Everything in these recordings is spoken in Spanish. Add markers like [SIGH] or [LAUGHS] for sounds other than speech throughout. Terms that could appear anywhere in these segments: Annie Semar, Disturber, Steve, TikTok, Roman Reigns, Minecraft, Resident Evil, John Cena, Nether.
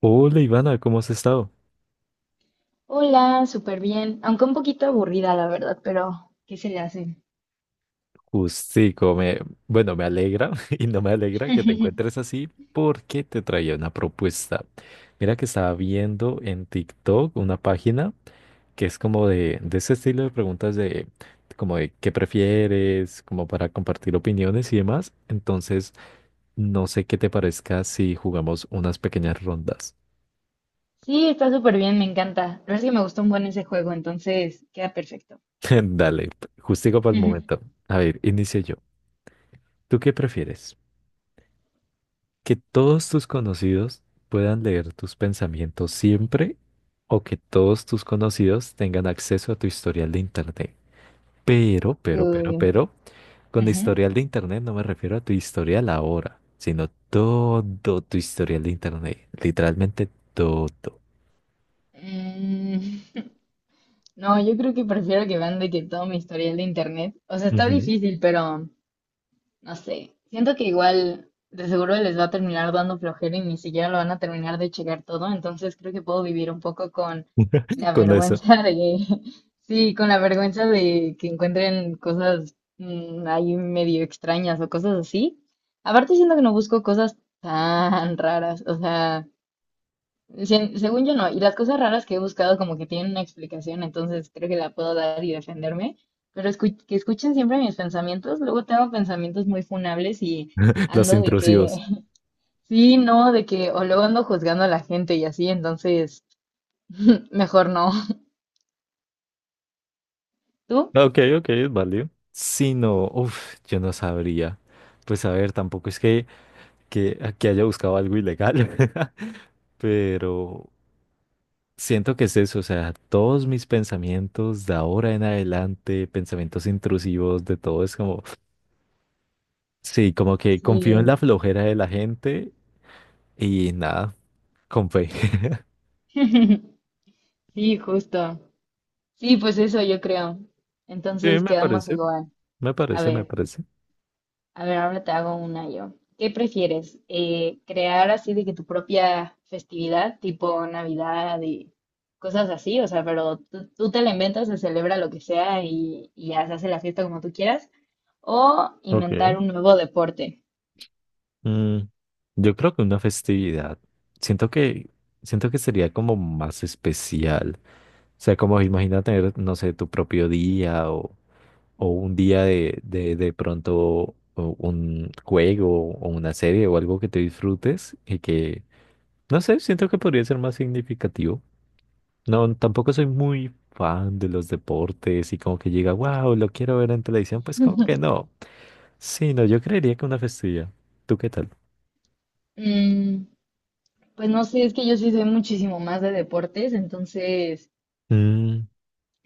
Hola Ivana, ¿cómo has estado? Hola, súper bien, aunque un poquito aburrida, la verdad, pero ¿qué se le hace? Justico, bueno, me alegra [LAUGHS] y no me alegra que te [LAUGHS] encuentres así porque te traía una propuesta. Mira que estaba viendo en TikTok una página que es como de ese estilo de preguntas de como de qué prefieres, como para compartir opiniones y demás. Entonces, no sé qué te parezca si jugamos unas pequeñas rondas. Sí, está súper bien, me encanta. La verdad es que me gustó un buen ese juego, entonces queda perfecto. [LAUGHS] Dale, justico para el momento. [LAUGHS] A ver, inicio yo. ¿Tú qué prefieres? Que todos tus conocidos puedan leer tus pensamientos siempre o que todos tus conocidos tengan acceso a tu historial de internet. Pero, pero, pero, Uy, pero, con ujú. historial de internet no me refiero a tu historial ahora, sino todo tu historial de internet. Literalmente todo. mm, no, yo creo que prefiero que vean de que todo mi historial de internet. O sea, está Ujú. difícil, pero no sé, siento que igual de seguro les va a terminar dando flojera y ni siquiera lo van a terminar de checar todo, entonces creo que puedo vivir un poco con [LAUGHS] la Con eso, vergüenza de, [LAUGHS] sí, con la vergüenza de que encuentren cosas ahí medio extrañas o cosas así. Aparte siento que no busco cosas tan raras, o sea, según yo no, y las cosas raras que he buscado como que tienen una explicación, entonces creo que la puedo dar y defenderme, pero que escuchen siempre mis pensamientos, luego tengo pensamientos muy funables y los ando de que, intrusivos. [LAUGHS] sí, no, de que, o luego ando juzgando a la gente y así, entonces [LAUGHS] mejor no. ¿Tú? Ok, ok, es válido. Si no, uff, yo no sabría. Pues a ver, tampoco es que haya buscado algo ilegal. [LAUGHS] Pero siento que es eso, o sea, todos mis pensamientos de ahora en adelante, pensamientos intrusivos, de todo, es como, sí, como que confío en Sí, la flojera de la gente y nada, con fe. [LAUGHS] [LAUGHS] sí, justo. Sí, pues eso yo creo. Sí, Entonces me quedamos parece, igual. me A parece, me ver. parece. A ver, ahora te hago una yo. ¿Qué prefieres? ¿Crear así de que tu propia festividad, tipo Navidad y cosas así? O sea, pero tú te la inventas, se celebra lo que sea y ya se hace la fiesta como tú quieras. ¿O inventar Ok. un nuevo deporte? Mm, yo creo que una festividad, siento siento que sería como más especial. O sea, como imagina tener, no sé, tu propio día o un día de pronto o un juego o una serie o algo que te disfrutes y que, no sé, siento que podría ser más significativo. No, tampoco soy muy fan de los deportes y como que llega, wow, lo quiero ver en televisión, pues como que no. Sí, no, yo creería que una festividad. ¿Tú qué tal? Mm, pues no sé, es que yo sí soy muchísimo más de deportes, entonces Mm,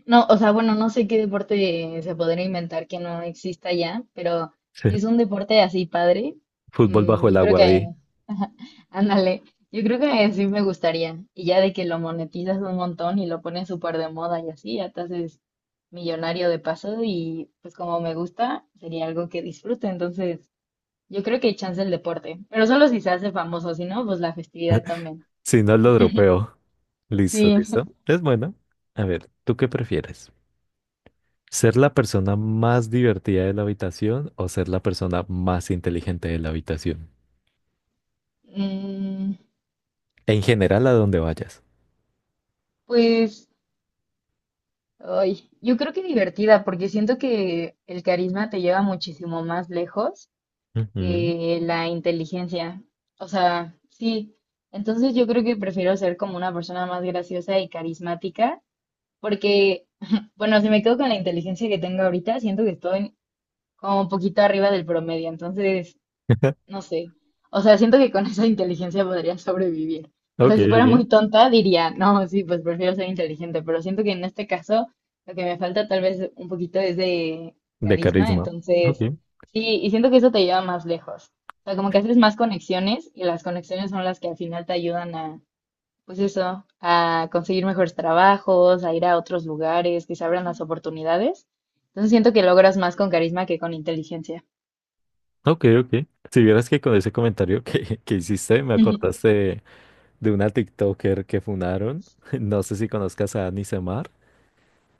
no, o sea, bueno, no sé qué deporte se podría inventar que no exista ya, pero [LAUGHS] sí, si es un deporte así padre, fútbol bajo el yo creo agua, que, di. [LAUGHS] [LAUGHS] ándale, yo creo que sí me gustaría. Y ya de que lo monetizas un montón y lo pones súper de moda y así, ya te haces millonario de paso y pues como me gusta, sería algo que disfrute. Entonces, yo creo que hay chance el deporte, pero solo si se hace famoso, si no, pues la festividad también. Si no lo dropeo. [LAUGHS] Listo, Sí. listo. [LAUGHS] Es bueno. A ver, ¿tú qué prefieres? ¿Ser la persona más divertida de la habitación o ser la persona más inteligente de la habitación? Mm, En general, a donde vayas. pues... Ay, yo creo que divertida, porque siento que el carisma te lleva muchísimo más lejos Ujú. que la inteligencia. O sea, sí. Entonces yo creo que prefiero ser como una persona más graciosa y carismática, porque, [LAUGHS] bueno, si me quedo con la inteligencia que tengo ahorita, siento que estoy como un poquito arriba del promedio. Entonces, [LAUGHS] no sé. O sea, siento que con [LAUGHS] esa inteligencia podría sobrevivir. O Ok, sea, si fuera ok. muy tonta, diría, no, sí, pues prefiero ser inteligente, pero siento que en este caso lo que me falta tal vez un poquito es de De carisma, carisma. Ok, entonces, sí, y siento que eso te lleva más lejos. O sea, como que haces más conexiones y las conexiones son las que al final te ayudan a, pues eso, a conseguir mejores trabajos, a ir a otros lugares, que se abran las oportunidades. Entonces siento que logras más con carisma que con inteligencia. ok, ok. Si vieras que con ese comentario [LAUGHS] que hiciste me acordaste [LAUGHS] de una TikToker que funaron, [LAUGHS] no sé si conozcas a Annie Semar,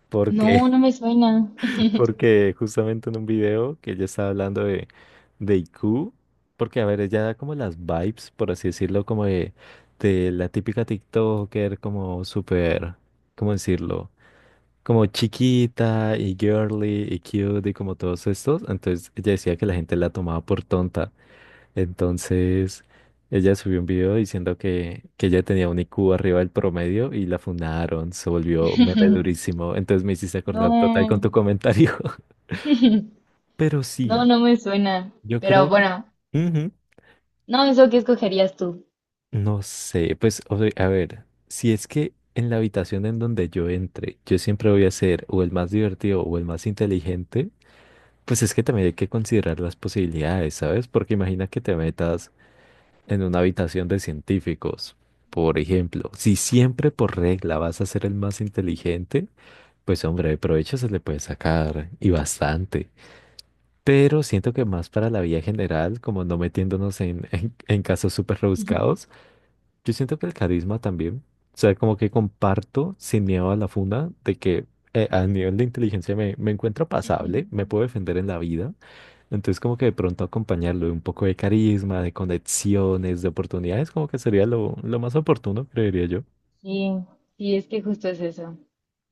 porque No, no me suena. porque justamente en un video que ella estaba hablando de IQ, porque a ver, ella da como las vibes, por así decirlo, como de la típica TikToker, como súper, ¿cómo decirlo? Como chiquita y girly y cute y como todos estos. Entonces ella decía que la gente la tomaba por tonta. Entonces ella subió un video diciendo que ella tenía un IQ arriba del promedio y la fundaron, se volvió meme [LAUGHS] durísimo. Entonces me hiciste acordar total con No, tu comentario. [LAUGHS] Pero no, sí, no me suena. yo Pero creo, bueno, ujú, no, eso que escogerías tú. no sé, pues o sea, a ver, si es que en la habitación en donde yo entre, yo siempre voy a ser o el más divertido o el más inteligente, pues es que también hay que considerar las posibilidades, ¿sabes? Porque imagina que te metas en una habitación de científicos, por ejemplo, si siempre por regla vas a ser el más inteligente, pues hombre, de provecho se le puede sacar y bastante. Pero siento que más para la vida general, como no metiéndonos en, [LAUGHS] en casos súper rebuscados, [LAUGHS] yo siento que el carisma también, o sea, como que comparto sin miedo a la funda de que a nivel de inteligencia me encuentro pasable, me puedo defender en la vida, entonces como que de pronto acompañarlo de un poco de carisma, de conexiones, de oportunidades, como que sería lo más oportuno, creería yo. Sí, sí, es que justo es eso.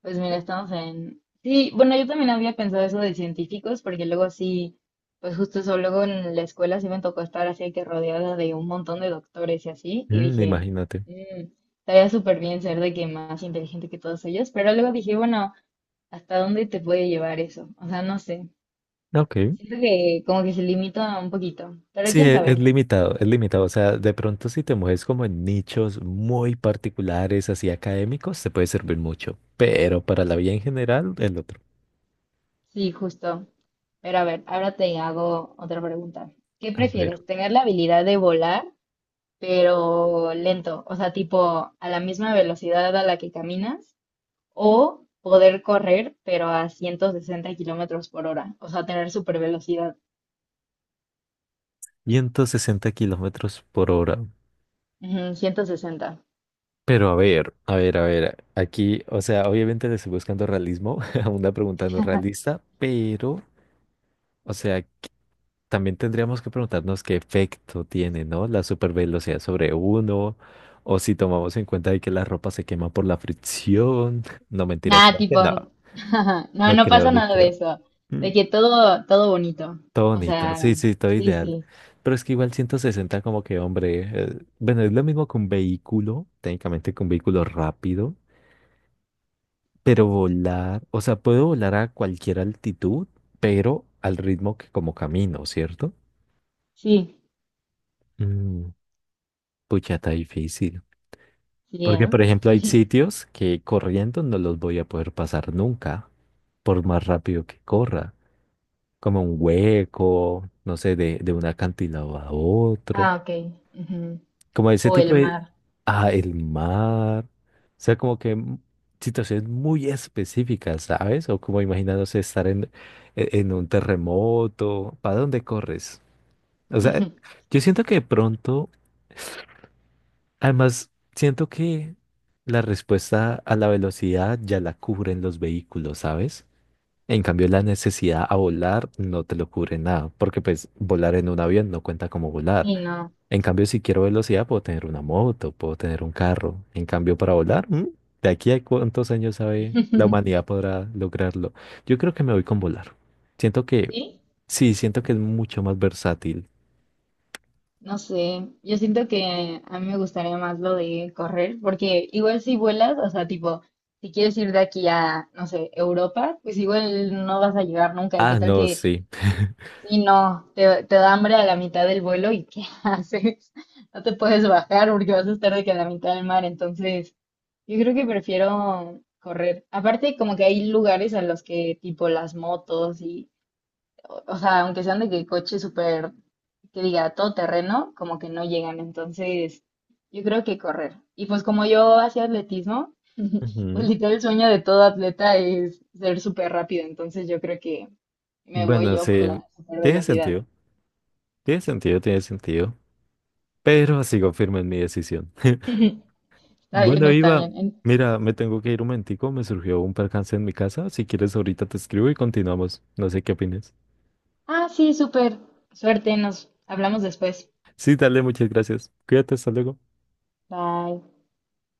Pues mira, estamos en... Sí, bueno, yo también había pensado eso de científicos, porque luego sí, pues justo eso, luego en la escuela sí me tocó estar así que rodeada de un montón de doctores y así, y Mm, dije, imagínate. "Mm, estaría súper bien ser de que más inteligente que todos ellos", pero luego dije, bueno, ¿hasta dónde te puede llevar eso? O sea, no sé. Ok. Siento que como que se limita un poquito, pero Sí, quién sabe. es limitado, es limitado. O sea, de pronto si te mueves como en nichos muy particulares, así académicos, te puede servir mucho. Pero para la vía en general, el otro. Sí, justo. Pero a ver, ahora te hago otra pregunta. ¿Qué A ver, prefieres? ¿Tener la habilidad de volar, pero lento? O sea, tipo a la misma velocidad a la que caminas, o poder correr, pero a 160 kilómetros por hora. O sea, tener super velocidad. 160 kilómetros por hora. 160. Pero a ver. Aquí, o sea, obviamente le estoy buscando realismo [LAUGHS] a una pregunta no realista, pero, o sea, también tendríamos que preguntarnos qué efecto tiene, ¿no? La supervelocidad sobre uno, o si tomamos en cuenta de que la ropa se quema por la fricción. [LAUGHS] No, mentira, Nada, creo que tipo, [LAUGHS] no. no, No no creo, pasa no nada de creo. eso. Mm, De que todo, todo bonito. todo O bonito, sea, sí, sí, todo sí, ideal. sí, Pero es que igual 160 como que, hombre, bueno, es lo mismo que un vehículo, técnicamente que un vehículo rápido, pero volar, o sea, puedo volar a cualquier altitud, pero al ritmo que como camino, ¿cierto? sí, Mm, pucha, está difícil. sí, Porque, ¿eh? por ejemplo, hay sitios que corriendo no los voy a poder pasar nunca, por más rápido que corra, como un hueco, no sé, de un acantilado a otro, Ah, ok, ujú. como ese O el tipo de... mar. Ah, el mar. O sea, como que situaciones muy específicas, ¿sabes? O como imaginándose estar en, en un terremoto, ¿para dónde corres? O sea, [LAUGHS] yo siento que de pronto... Además, siento que la respuesta a la velocidad ya la cubren los vehículos, ¿sabes? En cambio, la necesidad a volar no te lo cubre nada, porque pues volar en un avión no cuenta como volar. Sí, no. En cambio, si quiero velocidad, puedo tener una moto, puedo tener un carro. En cambio, para volar, ¿mm? ¿De aquí a cuántos años sabe la [LAUGHS] humanidad podrá lograrlo? Yo creo que me voy con volar. Siento que, Sí, sí, siento que es mucho más versátil. no sé. Yo siento que a mí me gustaría más lo de correr, porque igual si vuelas, o sea, tipo, si quieres ir de aquí a, no sé, Europa, pues igual no vas a llegar nunca. ¿Y qué Ah, tal no, que, sí. si no, te da hambre a la mitad del vuelo y qué [LAUGHS] haces? No te puedes bajar porque vas a estar de que a la mitad del mar. Entonces, yo creo que prefiero correr. Aparte, como que hay lugares a los que, tipo, las motos y o sea, aunque sean de que coche súper, que diga todo terreno, como que no llegan. Entonces, yo creo que correr. Y pues como yo hacía atletismo, pues Ujú. literal el sueño de todo atleta es ser súper rápido. Entonces, yo creo que me voy Bueno, yo por sí, la super tiene velocidad. sentido. Tiene sentido, tiene sentido. Pero sigo firme en mi decisión. [LAUGHS] [LAUGHS] Está bien, Bueno, está Iva, bien. En- mira, me tengo que ir un momentico. Me surgió un percance en mi casa. Si quieres, ahorita te escribo y continuamos. No sé qué opinas. Ah, sí, súper. Suerte, nos hablamos después. Sí, dale, muchas gracias. Cuídate, hasta luego. Bye.